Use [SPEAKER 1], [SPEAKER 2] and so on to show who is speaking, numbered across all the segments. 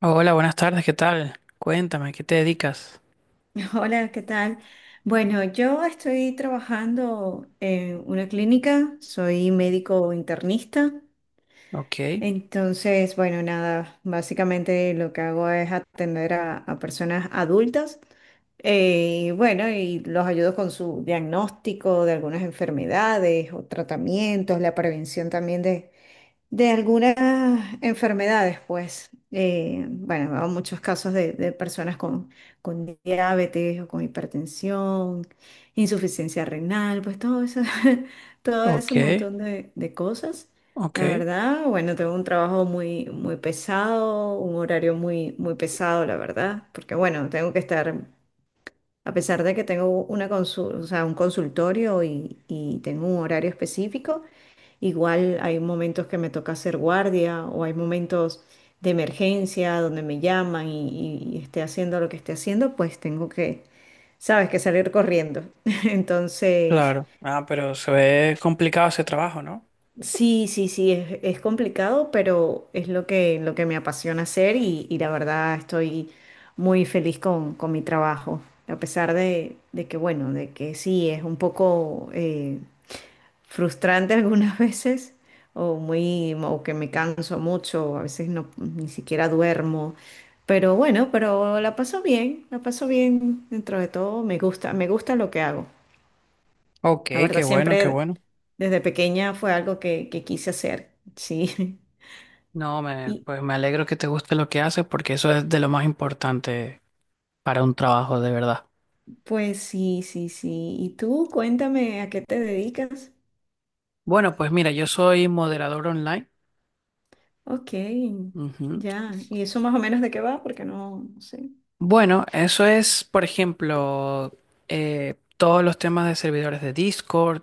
[SPEAKER 1] Hola, buenas tardes, ¿qué tal? Cuéntame, ¿qué te dedicas?
[SPEAKER 2] Hola, ¿qué tal? Bueno, yo estoy trabajando en una clínica, soy médico internista,
[SPEAKER 1] Ok,
[SPEAKER 2] entonces, bueno, nada, básicamente lo que hago es atender a personas adultas, y bueno, y los ayudo con su diagnóstico de algunas enfermedades o tratamientos, la prevención también de algunas enfermedades, pues, bueno, hay muchos casos de personas con diabetes o con hipertensión, insuficiencia renal, pues todo eso, todo ese
[SPEAKER 1] ok,
[SPEAKER 2] montón de cosas.
[SPEAKER 1] ok,
[SPEAKER 2] La verdad, bueno, tengo un trabajo muy, muy pesado, un horario muy, muy pesado, la verdad, porque bueno, tengo que estar a pesar de que tengo una o sea, un consultorio y tengo un horario específico, igual hay momentos que me toca hacer guardia o hay momentos de emergencia donde me llaman y esté haciendo lo que esté haciendo, pues tengo que, sabes, que salir corriendo. Entonces,
[SPEAKER 1] claro. Ah, pero se ve complicado ese trabajo, ¿no?
[SPEAKER 2] sí, sí, sí, es complicado, pero es lo que me apasiona hacer y la verdad estoy muy feliz con mi trabajo, a pesar de que, bueno, de que sí, es un poco frustrante algunas veces o, muy, o que me canso mucho, a veces no, ni siquiera duermo, pero bueno, pero la paso bien dentro de todo, me gusta lo que hago.
[SPEAKER 1] Ok,
[SPEAKER 2] La
[SPEAKER 1] qué
[SPEAKER 2] verdad,
[SPEAKER 1] bueno, qué
[SPEAKER 2] siempre
[SPEAKER 1] bueno.
[SPEAKER 2] desde pequeña fue algo que quise hacer, sí.
[SPEAKER 1] No, me,
[SPEAKER 2] Y
[SPEAKER 1] pues me alegro que te guste lo que haces porque eso es de lo más importante para un trabajo, de verdad.
[SPEAKER 2] pues sí, sí, sí. Y tú, cuéntame a qué te dedicas.
[SPEAKER 1] Bueno, pues mira, yo soy moderador online.
[SPEAKER 2] Ok,
[SPEAKER 1] Ujú.
[SPEAKER 2] ya. ¿Y eso más o menos de qué va? Porque no, no sé.
[SPEAKER 1] Bueno, eso es, por ejemplo, todos los temas de servidores de Discord,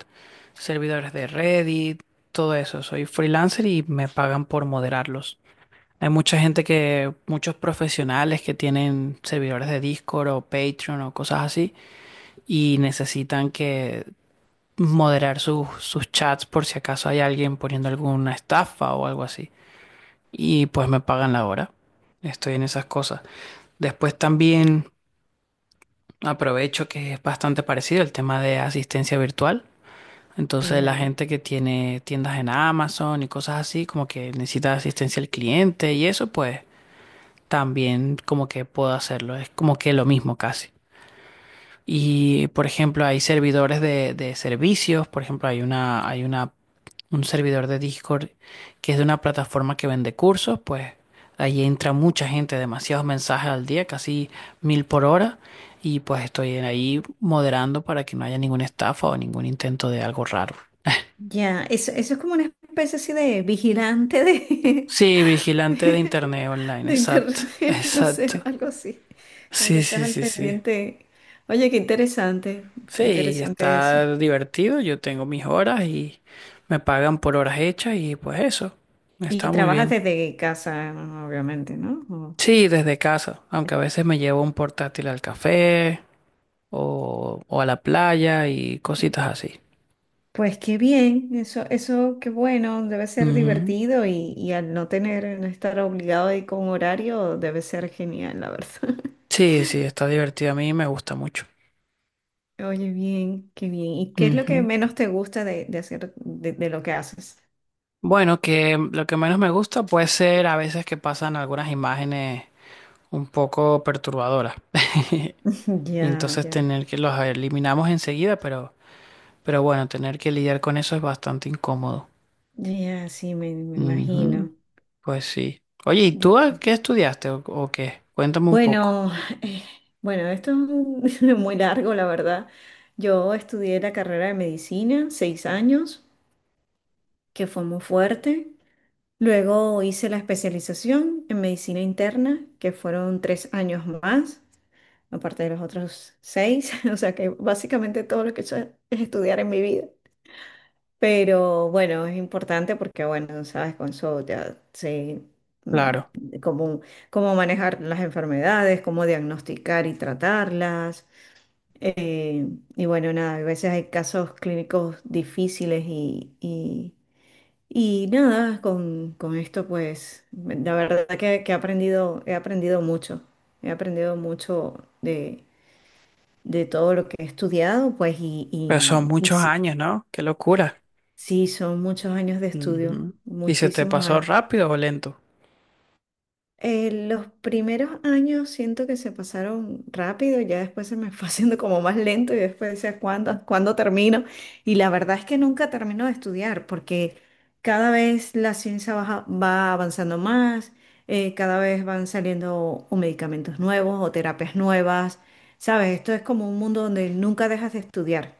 [SPEAKER 1] servidores de Reddit, todo eso. Soy freelancer y me pagan por moderarlos. Hay mucha gente que, muchos profesionales que tienen servidores de Discord o Patreon o cosas así y necesitan que moderar sus chats por si acaso hay alguien poniendo alguna estafa o algo así. Y pues me pagan la hora. Estoy en esas cosas. Después también… Aprovecho que es bastante parecido el tema de asistencia virtual. Entonces la
[SPEAKER 2] Ya.
[SPEAKER 1] gente que tiene tiendas en Amazon y cosas así, como que necesita asistencia al cliente y eso, pues también como que puedo hacerlo. Es como que lo mismo casi. Y por ejemplo, hay servidores de servicios. Por ejemplo, hay una un servidor de Discord que es de una plataforma que vende cursos, pues ahí entra mucha gente, demasiados mensajes al día, casi 1000 por hora, y pues estoy ahí moderando para que no haya ninguna estafa o ningún intento de algo raro.
[SPEAKER 2] Ya, eso es como una especie así de vigilante de,
[SPEAKER 1] Sí, vigilante de internet online,
[SPEAKER 2] de internet,
[SPEAKER 1] exacto,
[SPEAKER 2] no sé,
[SPEAKER 1] exacto.
[SPEAKER 2] algo así. Como que
[SPEAKER 1] Sí,
[SPEAKER 2] estás
[SPEAKER 1] sí,
[SPEAKER 2] al
[SPEAKER 1] sí, sí.
[SPEAKER 2] pendiente. Oye, qué
[SPEAKER 1] Sí,
[SPEAKER 2] interesante eso.
[SPEAKER 1] está divertido, yo tengo mis horas y me pagan por horas hechas y pues eso,
[SPEAKER 2] Y
[SPEAKER 1] está muy
[SPEAKER 2] trabajas
[SPEAKER 1] bien.
[SPEAKER 2] desde casa, obviamente, ¿no?
[SPEAKER 1] Sí, desde casa, aunque
[SPEAKER 2] O-
[SPEAKER 1] a veces me llevo un portátil al café o a la playa y cositas así.
[SPEAKER 2] Pues qué bien, eso qué bueno, debe ser
[SPEAKER 1] Ujú.
[SPEAKER 2] divertido y al no tener, no estar obligado a ir con horario, debe ser genial, la verdad.
[SPEAKER 1] Sí, sí, está divertido a mí, me gusta mucho.
[SPEAKER 2] Oye, bien, qué bien. ¿Y qué es lo que
[SPEAKER 1] Ujú.
[SPEAKER 2] menos te gusta de hacer, de lo que haces?
[SPEAKER 1] Bueno, que lo que menos me gusta puede ser a veces que pasan algunas imágenes un poco perturbadoras. Y
[SPEAKER 2] Ya,
[SPEAKER 1] entonces
[SPEAKER 2] ya,
[SPEAKER 1] tener que los eliminamos enseguida, pero bueno, tener que lidiar con eso es bastante incómodo.
[SPEAKER 2] ya, sí, me
[SPEAKER 1] Ujú.
[SPEAKER 2] imagino.
[SPEAKER 1] Pues sí. Oye, ¿y
[SPEAKER 2] Dios.
[SPEAKER 1] qué estudiaste o qué? Cuéntame un poco.
[SPEAKER 2] Bueno, eh, bueno, muy largo, la verdad. Yo estudié la carrera de medicina, 6 años, que fue muy fuerte. Luego hice la especialización en medicina interna, que fueron 3 años más, aparte de los otros 6. O sea que básicamente todo lo que he hecho es estudiar en mi vida. Pero bueno, es importante porque, bueno, sabes, con eso ya sé
[SPEAKER 1] Claro,
[SPEAKER 2] cómo, cómo manejar las enfermedades, cómo diagnosticar y tratarlas. Eh, y bueno, nada, a veces hay casos clínicos difíciles y nada, con esto pues, la verdad que he aprendido mucho de, de todo lo que he estudiado, pues, y,
[SPEAKER 1] pero son
[SPEAKER 2] y, y
[SPEAKER 1] muchos
[SPEAKER 2] sí,
[SPEAKER 1] años, ¿no? Qué locura.
[SPEAKER 2] sí, son muchos años de estudio,
[SPEAKER 1] Ujú. ¿Y se te
[SPEAKER 2] muchísimos
[SPEAKER 1] pasó
[SPEAKER 2] años.
[SPEAKER 1] rápido o lento?
[SPEAKER 2] Los primeros años siento que se pasaron rápido, ya después se me fue haciendo como más lento y después decía, ¿cuándo, cuándo termino? Y la verdad es que nunca termino de estudiar porque cada vez la ciencia va avanzando más, cada vez van saliendo o medicamentos nuevos o terapias nuevas, ¿sabes? Esto es como un mundo donde nunca dejas de estudiar.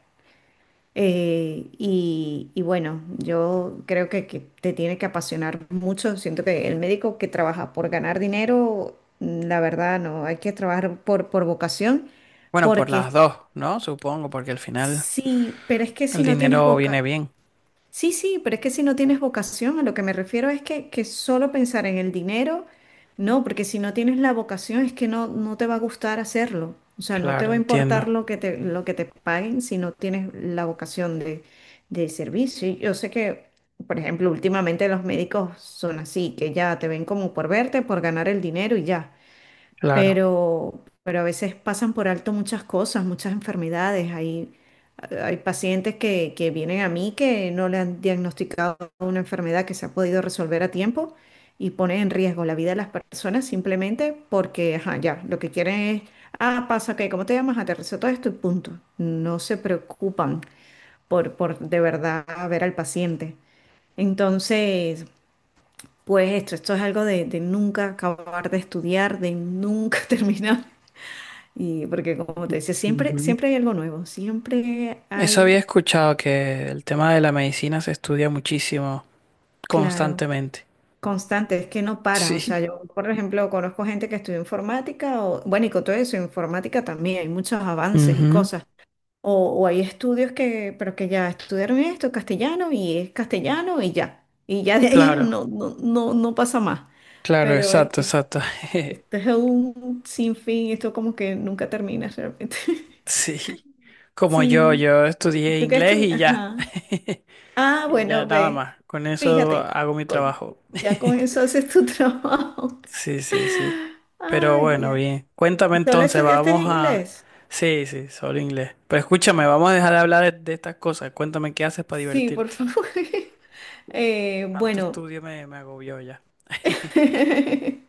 [SPEAKER 2] Y bueno, yo creo que te tiene que apasionar mucho. Siento que el médico que trabaja por ganar dinero, la verdad, no, hay que trabajar por vocación,
[SPEAKER 1] Bueno, por las
[SPEAKER 2] porque
[SPEAKER 1] dos, ¿no? Supongo, porque al final
[SPEAKER 2] sí, pero es que si
[SPEAKER 1] el
[SPEAKER 2] no tienes
[SPEAKER 1] dinero viene
[SPEAKER 2] vocación,
[SPEAKER 1] bien.
[SPEAKER 2] sí, sí, pero es que si no tienes vocación, a lo que me refiero es que solo pensar en el dinero, no, porque si no tienes la vocación es que no, no te va a gustar hacerlo. O sea, no te
[SPEAKER 1] Claro,
[SPEAKER 2] va a importar
[SPEAKER 1] entiendo.
[SPEAKER 2] lo que te paguen si no tienes la vocación de servicio. Y yo sé que, por ejemplo, últimamente los médicos son así, que ya te ven como por verte, por ganar el dinero y ya,
[SPEAKER 1] Claro.
[SPEAKER 2] pero a veces pasan por alto muchas cosas, muchas enfermedades. Hay pacientes que vienen a mí que no le han diagnosticado una enfermedad que se ha podido resolver a tiempo y pone en riesgo la vida de las personas simplemente porque, ajá, ya, lo que quieren es, ah, pasa que, ¿cómo te llamas? Aterrizo todo esto y punto. No se preocupan por de verdad ver al paciente. Entonces, pues esto es algo de nunca acabar de estudiar, de nunca terminar y porque como te decía, siempre,
[SPEAKER 1] Ujú.
[SPEAKER 2] siempre hay algo nuevo, siempre
[SPEAKER 1] Eso había
[SPEAKER 2] hay,
[SPEAKER 1] escuchado que el tema de la medicina se estudia muchísimo,
[SPEAKER 2] claro,
[SPEAKER 1] constantemente.
[SPEAKER 2] constante, es que no para. O sea,
[SPEAKER 1] Sí.
[SPEAKER 2] yo, por ejemplo, conozco gente que estudió informática, o, bueno, y con todo eso, informática también, hay muchos avances y
[SPEAKER 1] Ujú.
[SPEAKER 2] cosas. O, o hay estudios que, pero que ya estudiaron esto, castellano, y es castellano, y ya. Y ya de ahí
[SPEAKER 1] Claro,
[SPEAKER 2] no, no, no, no pasa más.
[SPEAKER 1] claro,
[SPEAKER 2] Pero es-
[SPEAKER 1] exacto,
[SPEAKER 2] es-
[SPEAKER 1] exacto.
[SPEAKER 2] Esto es un sinfín, esto como que nunca termina realmente.
[SPEAKER 1] Sí. Como yo,
[SPEAKER 2] Sí,
[SPEAKER 1] yo estudié
[SPEAKER 2] ¿tú qué
[SPEAKER 1] inglés
[SPEAKER 2] estudias?
[SPEAKER 1] y ya.
[SPEAKER 2] Ajá. Ah,
[SPEAKER 1] Y ya
[SPEAKER 2] bueno,
[SPEAKER 1] nada
[SPEAKER 2] ve,
[SPEAKER 1] más. Con eso
[SPEAKER 2] fíjate,
[SPEAKER 1] hago mi
[SPEAKER 2] con-
[SPEAKER 1] trabajo.
[SPEAKER 2] ya con eso haces tu trabajo.
[SPEAKER 1] Sí, sí, sí. Pero
[SPEAKER 2] Ay,
[SPEAKER 1] bueno,
[SPEAKER 2] ya.
[SPEAKER 1] bien. Cuéntame
[SPEAKER 2] ¿Y ¿Solo
[SPEAKER 1] entonces,
[SPEAKER 2] estudiaste
[SPEAKER 1] vamos a…
[SPEAKER 2] inglés?
[SPEAKER 1] Sí, sí, solo inglés. Pero escúchame, vamos a dejar de hablar de estas cosas. Cuéntame qué haces para
[SPEAKER 2] Sí, por
[SPEAKER 1] divertirte.
[SPEAKER 2] favor.
[SPEAKER 1] Tanto
[SPEAKER 2] Bueno,
[SPEAKER 1] estudio me, me agobió ya.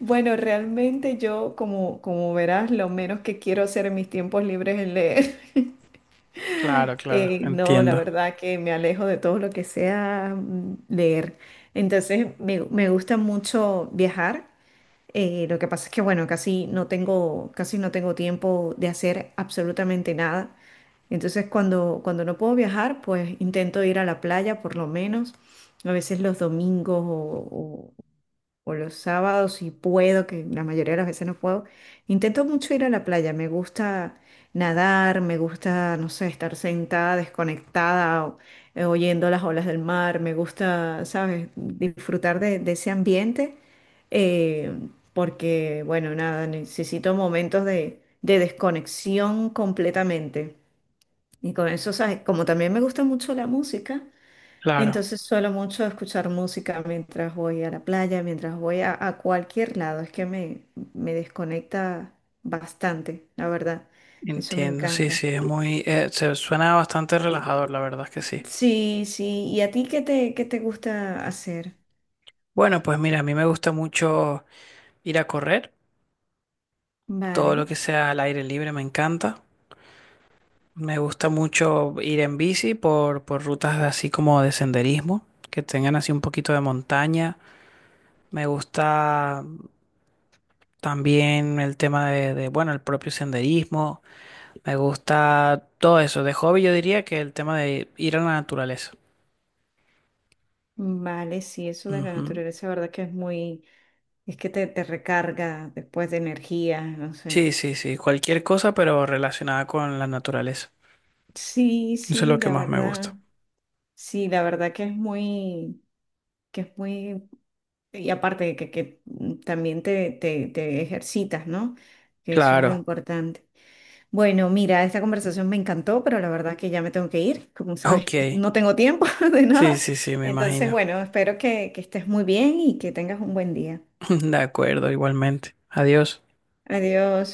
[SPEAKER 2] bueno, realmente yo, como, como verás, lo menos que quiero hacer en mis tiempos libres es leer.
[SPEAKER 1] Claro, claro,
[SPEAKER 2] No, la
[SPEAKER 1] entiendo.
[SPEAKER 2] verdad que me alejo de todo lo que sea leer. Entonces, me gusta mucho viajar. Lo que pasa es que, bueno, casi no tengo tiempo de hacer absolutamente nada. Entonces, cuando no puedo viajar, pues intento ir a la playa por lo menos, a veces los domingos o los sábados si puedo, que la mayoría de las veces no puedo, intento mucho ir a la playa, me gusta nadar, me gusta, no sé, estar sentada, desconectada, oyendo las olas del mar, me gusta, ¿sabes?, disfrutar de ese ambiente, eh, porque, bueno, nada, necesito momentos de desconexión completamente. Y con eso, ¿sabes? Como también me gusta mucho la música,
[SPEAKER 1] Claro,
[SPEAKER 2] entonces suelo mucho escuchar música mientras voy a la playa, mientras voy a cualquier lado. Es que me desconecta bastante, la verdad. Eso me
[SPEAKER 1] entiendo. Sí,
[SPEAKER 2] encanta.
[SPEAKER 1] sí, es muy… se suena bastante relajador, la verdad es que sí.
[SPEAKER 2] Sí, sí. ¿Y a ti qué te gusta hacer?
[SPEAKER 1] Bueno, pues mira, a mí me gusta mucho ir a correr.
[SPEAKER 2] Vale,
[SPEAKER 1] Todo lo que sea al aire libre me encanta. Me gusta mucho ir en bici por rutas así como de senderismo, que tengan así un poquito de montaña. Me gusta también el tema bueno, el propio senderismo. Me gusta todo eso. De hobby yo diría que el tema de ir a la naturaleza.
[SPEAKER 2] vale, sí, eso de la
[SPEAKER 1] Ujú.
[SPEAKER 2] naturaleza, la verdad que es muy, es que te recarga después de energía, no sé.
[SPEAKER 1] Sí, sí, sí. Cualquier cosa, pero relacionada con la naturaleza.
[SPEAKER 2] Sí,
[SPEAKER 1] Eso es lo
[SPEAKER 2] sí,
[SPEAKER 1] que
[SPEAKER 2] la
[SPEAKER 1] más me
[SPEAKER 2] verdad.
[SPEAKER 1] gusta.
[SPEAKER 2] Sí, la verdad que es muy, que es muy y aparte que también te ejercitas, ¿no? Que eso es lo
[SPEAKER 1] Claro.
[SPEAKER 2] importante. Bueno, mira, esta conversación me encantó, pero la verdad que ya me tengo que ir. Como sabes,
[SPEAKER 1] Ok.
[SPEAKER 2] no tengo tiempo de
[SPEAKER 1] Sí,
[SPEAKER 2] nada.
[SPEAKER 1] sí, sí, me
[SPEAKER 2] Entonces,
[SPEAKER 1] imagino.
[SPEAKER 2] bueno, espero que estés muy bien y que tengas un buen día.
[SPEAKER 1] De acuerdo, igualmente. Adiós.
[SPEAKER 2] Adiós.